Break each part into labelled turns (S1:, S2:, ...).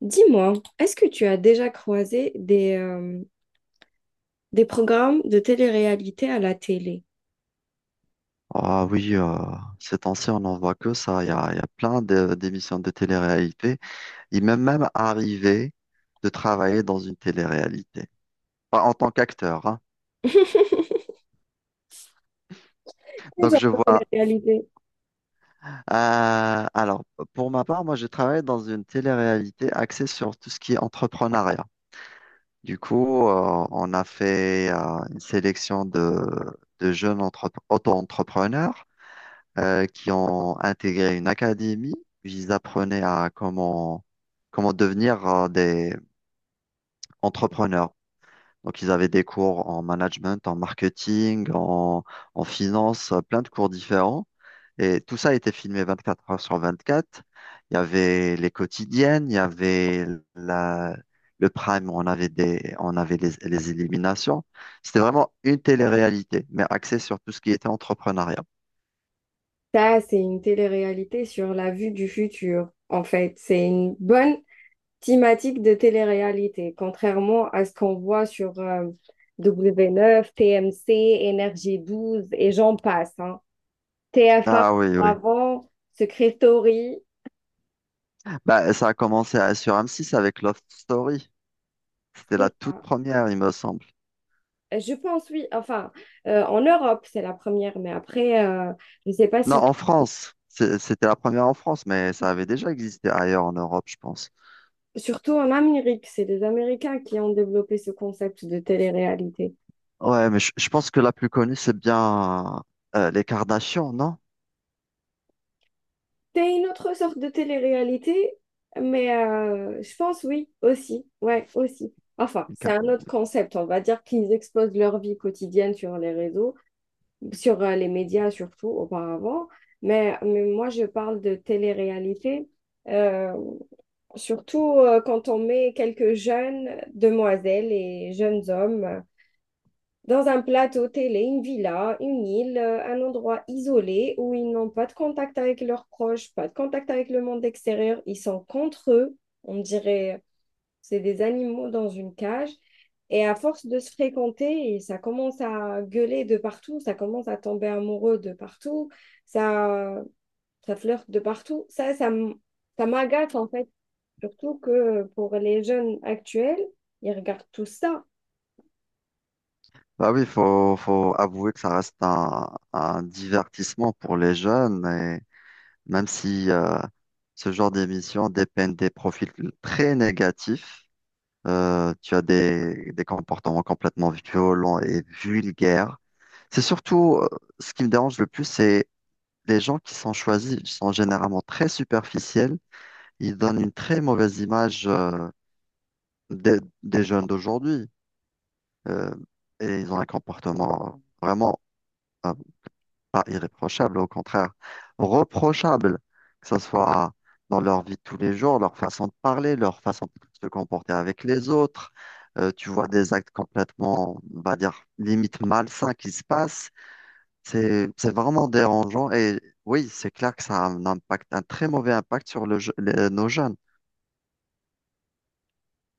S1: Dis-moi, est-ce que tu as déjà croisé des programmes de télé-réalité à la télé?
S2: Ah oui, ces temps-ci, on n'en voit que ça. Il y a plein d'émissions de télé-réalité. Il m'est même arrivé de travailler dans une télé-réalité, pas en tant qu'acteur, hein.
S1: Quel
S2: Donc
S1: genre
S2: je
S1: de
S2: vois.
S1: télé-réalité?
S2: Alors, pour ma part, moi, j'ai travaillé dans une télé-réalité axée sur tout ce qui est entrepreneuriat. Du coup, on a fait une sélection de jeunes auto-entrepreneurs, qui ont intégré une académie où ils apprenaient à comment, comment devenir des entrepreneurs. Donc, ils avaient des cours en management, en marketing, en, en finance, plein de cours différents. Et tout ça était filmé 24 heures sur 24. Il y avait les quotidiennes, il y avait la, le prime, on avait des, on avait les éliminations. C'était vraiment une télé-réalité, mais axée sur tout ce qui était entrepreneuriat.
S1: Ça, c'est une télé-réalité sur la vue du futur, en fait. C'est une bonne thématique de télé-réalité, contrairement à ce qu'on voit sur W9, TMC, Énergie Douze et j'en passe, hein. TF1
S2: Ah oui, oui.
S1: avant, Secret Story.
S2: Bah, ça a commencé à- sur M6 avec Love Story. C'était la
S1: C'est
S2: toute
S1: ça.
S2: première, il me semble.
S1: Je pense, oui. Enfin, en Europe, c'est la première, mais après, je ne sais pas
S2: Non,
S1: si,
S2: en France. C'était la première en France, mais ça avait déjà existé ailleurs en Europe, je pense.
S1: surtout en Amérique, c'est les Américains qui ont développé ce concept de télé-réalité.
S2: Ouais, mais je pense que la plus connue, c'est bien les Kardashians, non?
S1: C'est une autre sorte de télé-réalité, mais je pense, oui, aussi. Ouais, aussi. Enfin,
S2: Les
S1: c'est un
S2: Kar-
S1: autre concept. On va dire qu'ils exposent leur vie quotidienne sur les réseaux, sur les médias surtout, auparavant. Mais moi, je parle de télé-réalité. Euh, surtout quand on met quelques jeunes demoiselles et jeunes hommes dans un plateau télé, une villa, une île, un endroit isolé où ils n'ont pas de contact avec leurs proches, pas de contact avec le monde extérieur, ils sont contre eux, on dirait c'est des animaux dans une cage. Et à force de se fréquenter, ça commence à gueuler de partout, ça commence à tomber amoureux de partout, ça, ça flirte de partout. Ça m'agace en fait. Surtout que pour les jeunes actuels, ils regardent tout ça.
S2: Bah oui, faut avouer que ça reste un divertissement pour les jeunes, et même si ce genre d'émission dépeignent des profils très négatifs. Tu as des comportements complètement violents et vulgaires. C'est surtout ce qui me dérange le plus, c'est les gens qui sont choisis sont généralement très superficiels. Ils donnent une très mauvaise image des jeunes d'aujourd'hui. Euh, et ils ont un comportement vraiment pas irréprochable, au contraire, reprochable, que ce soit dans leur vie de tous les jours, leur façon de parler, leur façon de se comporter avec les autres. Tu vois des actes complètement, on va dire, limite malsains qui se passent. C'est vraiment dérangeant et oui, c'est clair que ça a un impact, un très mauvais impact sur nos jeunes.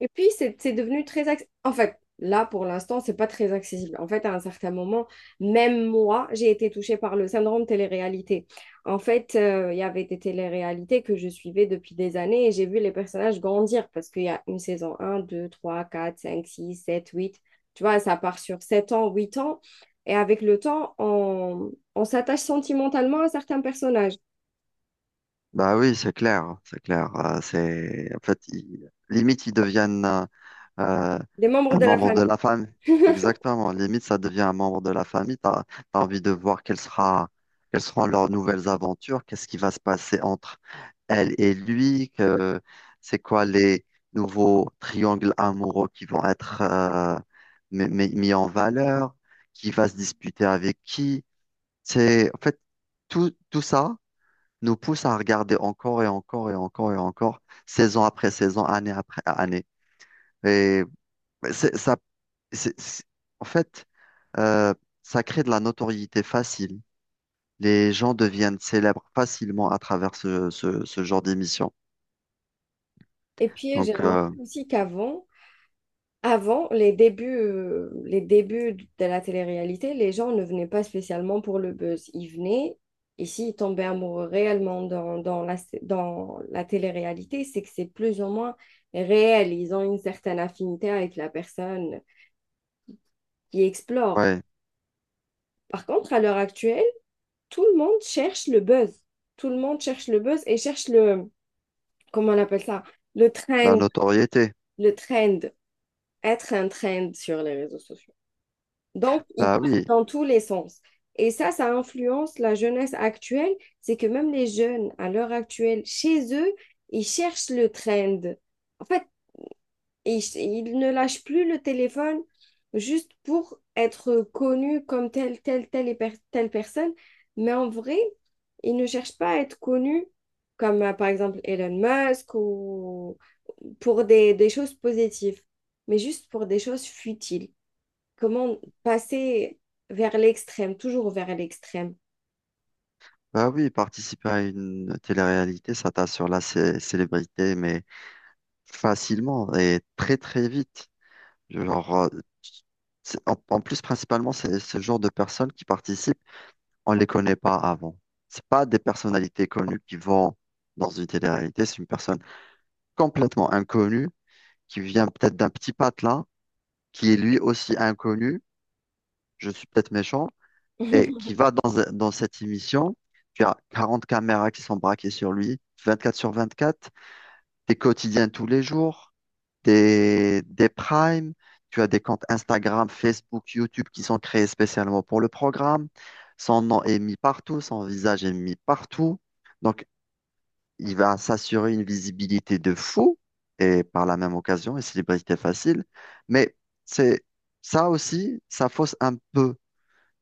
S1: Et puis, c'est devenu En fait, là, pour l'instant, c'est pas très accessible. En fait, à un certain moment, même moi, j'ai été touchée par le syndrome télé-réalité. En fait, il y avait des télé-réalités que je suivais depuis des années et j'ai vu les personnages grandir parce qu'il y a une saison un 2 3 4 5 6 7 huit. Tu vois, ça part sur 7 ans, 8 ans. Et avec le temps, on s'attache sentimentalement à certains personnages,
S2: Bah oui, c'est clair, c'est clair. C'est, en fait, limite, ils deviennent, euh,
S1: des membres
S2: un
S1: de la
S2: membre de
S1: famille.
S2: la famille. Exactement. Limite, ça devient un membre de la famille. T'as envie de voir quelle sera, quelles seront leurs nouvelles aventures, qu'est-ce qui va se passer entre elle et lui, que c'est quoi les nouveaux triangles amoureux qui vont être mis en valeur, qui va se disputer avec qui. C'est, en fait, tout ça nous pousse à regarder encore et encore et encore et encore, saison après saison, année après année. Et c'est- ça c'est- c'est- en fait, euh, ça crée de la notoriété facile. Les gens deviennent célèbres facilement à travers ce genre d'émission.
S1: Et puis, j'ai
S2: Donc,
S1: remarqué aussi qu'avant, avant, les débuts de la télé-réalité, les gens ne venaient pas spécialement pour le buzz. Ils venaient, et s'ils tombaient amoureux réellement dans la télé-réalité, c'est que c'est plus ou moins réel. Ils ont une certaine affinité avec la personne qui explore.
S2: ouais,
S1: Par contre, à l'heure actuelle, tout le monde cherche le buzz. Tout le monde cherche le buzz et cherche le, comment on appelle ça? Le
S2: la
S1: trend,
S2: notoriété.
S1: le trend, être un trend sur les réseaux sociaux. Donc, ils
S2: Bah
S1: partent
S2: oui,
S1: dans tous les sens. Et ça influence la jeunesse actuelle. C'est que même les jeunes, à l'heure actuelle, chez eux, ils cherchent le trend. En fait, ils ne lâchent plus le téléphone juste pour être connus comme telle personne. Mais en vrai, ils ne cherchent pas à être connus comme, par exemple, Elon Musk ou pour des choses positives, mais juste pour des choses futiles. Comment passer vers l'extrême, toujours vers l'extrême.
S2: bah oui, participer à une télé-réalité, ça t'assure la célébrité, mais facilement et très très vite. Genre, en, en plus, principalement, c'est ce genre de personnes qui participent, on les connaît pas avant. C'est pas des personnalités connues qui vont dans une télé-réalité, c'est une personne complètement inconnu, qui vient peut-être d'un petit patelin, qui est lui aussi inconnu, je suis peut-être méchant, et qui va dans, dans cette émission. Tu as 40 caméras qui sont braquées sur lui, 24 sur 24, des quotidiens tous les jours, des primes, tu as des comptes Instagram, Facebook, YouTube qui sont créés spécialement pour le programme. Son nom est mis partout, son visage est mis partout. Donc, il va s'assurer une visibilité de fou et par la même occasion une célébrité facile. Mais c'est ça aussi, ça fausse un peu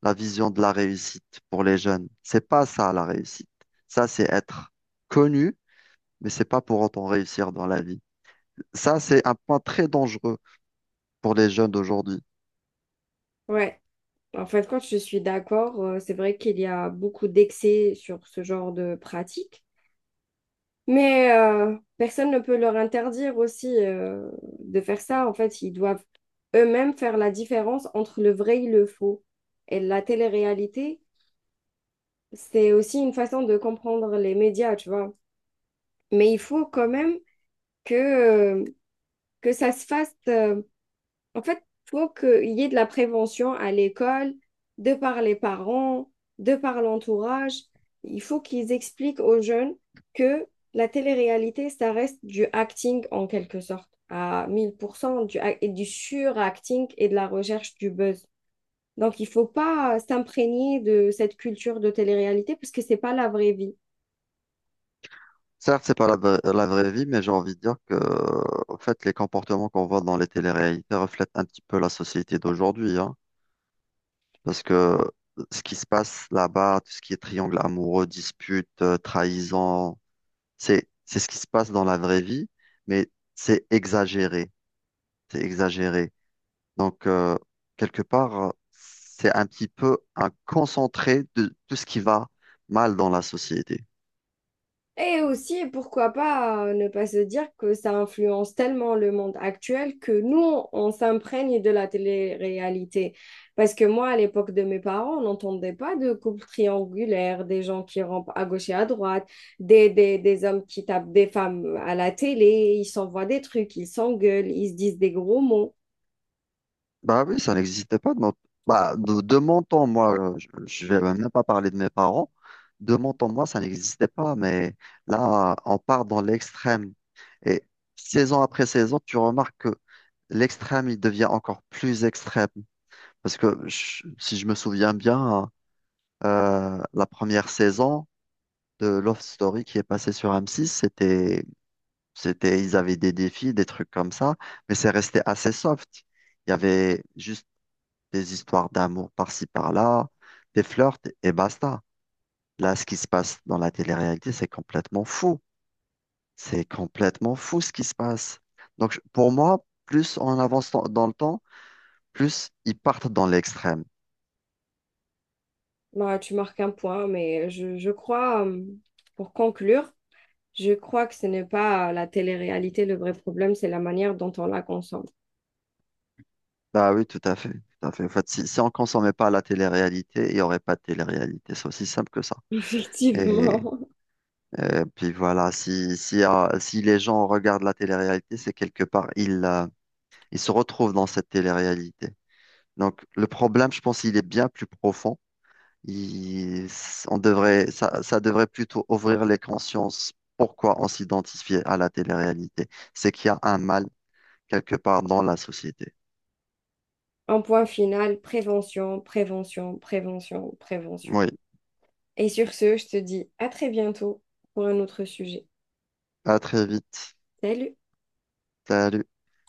S2: la vision de la réussite pour les jeunes. C'est pas ça la réussite. Ça, c'est être connu, mais c'est pas pour autant réussir dans la vie. Ça, c'est un point très dangereux pour les jeunes d'aujourd'hui.
S1: Ouais, en fin de compte, je suis d'accord. C'est vrai qu'il y a beaucoup d'excès sur ce genre de pratique. Mais personne ne peut leur interdire aussi de faire ça. En fait, ils doivent eux-mêmes faire la différence entre le vrai et le faux. Et la télé-réalité, c'est aussi une façon de comprendre les médias, tu vois. Mais il faut quand même que, euh, que ça se fasse. En fait, il faut qu'il y ait de la prévention à l'école, de par les parents, de par l'entourage. Il faut qu'ils expliquent aux jeunes que la télé-réalité, ça reste du acting en quelque sorte, à 1000% du, et du suracting et de la recherche du buzz. Donc, il ne faut pas s'imprégner de cette culture de télé-réalité parce que ce n'est pas la vraie vie.
S2: Certes, c'est pas la vraie vie, mais j'ai envie de dire que, en fait, les comportements qu'on voit dans les téléréalités reflètent un petit peu la société d'aujourd'hui, hein. Parce que ce qui se passe là-bas, tout ce qui est triangle amoureux, dispute, trahison, c'est ce qui se passe dans la vraie vie, mais c'est exagéré, c'est exagéré. Donc quelque part, c'est un petit peu un concentré de tout ce qui va mal dans la société.
S1: Et aussi, pourquoi pas ne pas se dire que ça influence tellement le monde actuel que nous, on s'imprègne de la télé-réalité. Parce que moi, à l'époque de mes parents, on n'entendait pas de couple triangulaire, des gens qui rampent à gauche et à droite, des hommes qui tapent des femmes à la télé, ils s'envoient des trucs, ils s'engueulent, ils se disent des gros mots.
S2: Bah oui, ça n'existait pas. Bah, de mon temps, moi, je vais même pas parler de mes parents. De mon temps, moi, ça n'existait pas. Mais là, on part dans l'extrême. Et saison après saison, tu remarques que l'extrême, il devient encore plus extrême. Parce que si je me souviens bien, la première saison de Love Story qui est passée sur M6, c'était, ils avaient des défis, des trucs comme ça. Mais c'est resté assez soft. Il y avait juste des histoires d'amour par-ci par-là, des flirts et basta. Là, ce qui se passe dans la télé-réalité, c'est complètement fou. C'est complètement fou ce qui se passe. Donc, pour moi, plus on avance dans le temps, plus ils partent dans l'extrême.
S1: Bah, tu marques un point, mais je crois, pour conclure, je crois que ce n'est pas la télé-réalité le vrai problème, c'est la manière dont on la consomme.
S2: Bah oui, tout à fait, tout à fait. En fait, si on ne consommait pas la télé-réalité, il n'y aurait pas de télé-réalité. C'est aussi simple que ça. Et,
S1: Effectivement.
S2: et puis voilà, si les gens regardent la télé-réalité, c'est quelque part, ils se retrouvent dans cette télé-réalité. Donc, le problème, je pense, il est bien plus profond. Il- on devrait, ça devrait plutôt ouvrir les consciences. Pourquoi on s'identifie à la télé-réalité? C'est qu'il y a un mal quelque part dans la société.
S1: Un point final, prévention, prévention, prévention, prévention.
S2: Oui,
S1: Et sur ce, je te dis à très bientôt pour un autre sujet.
S2: à très vite.
S1: Salut!
S2: Salut.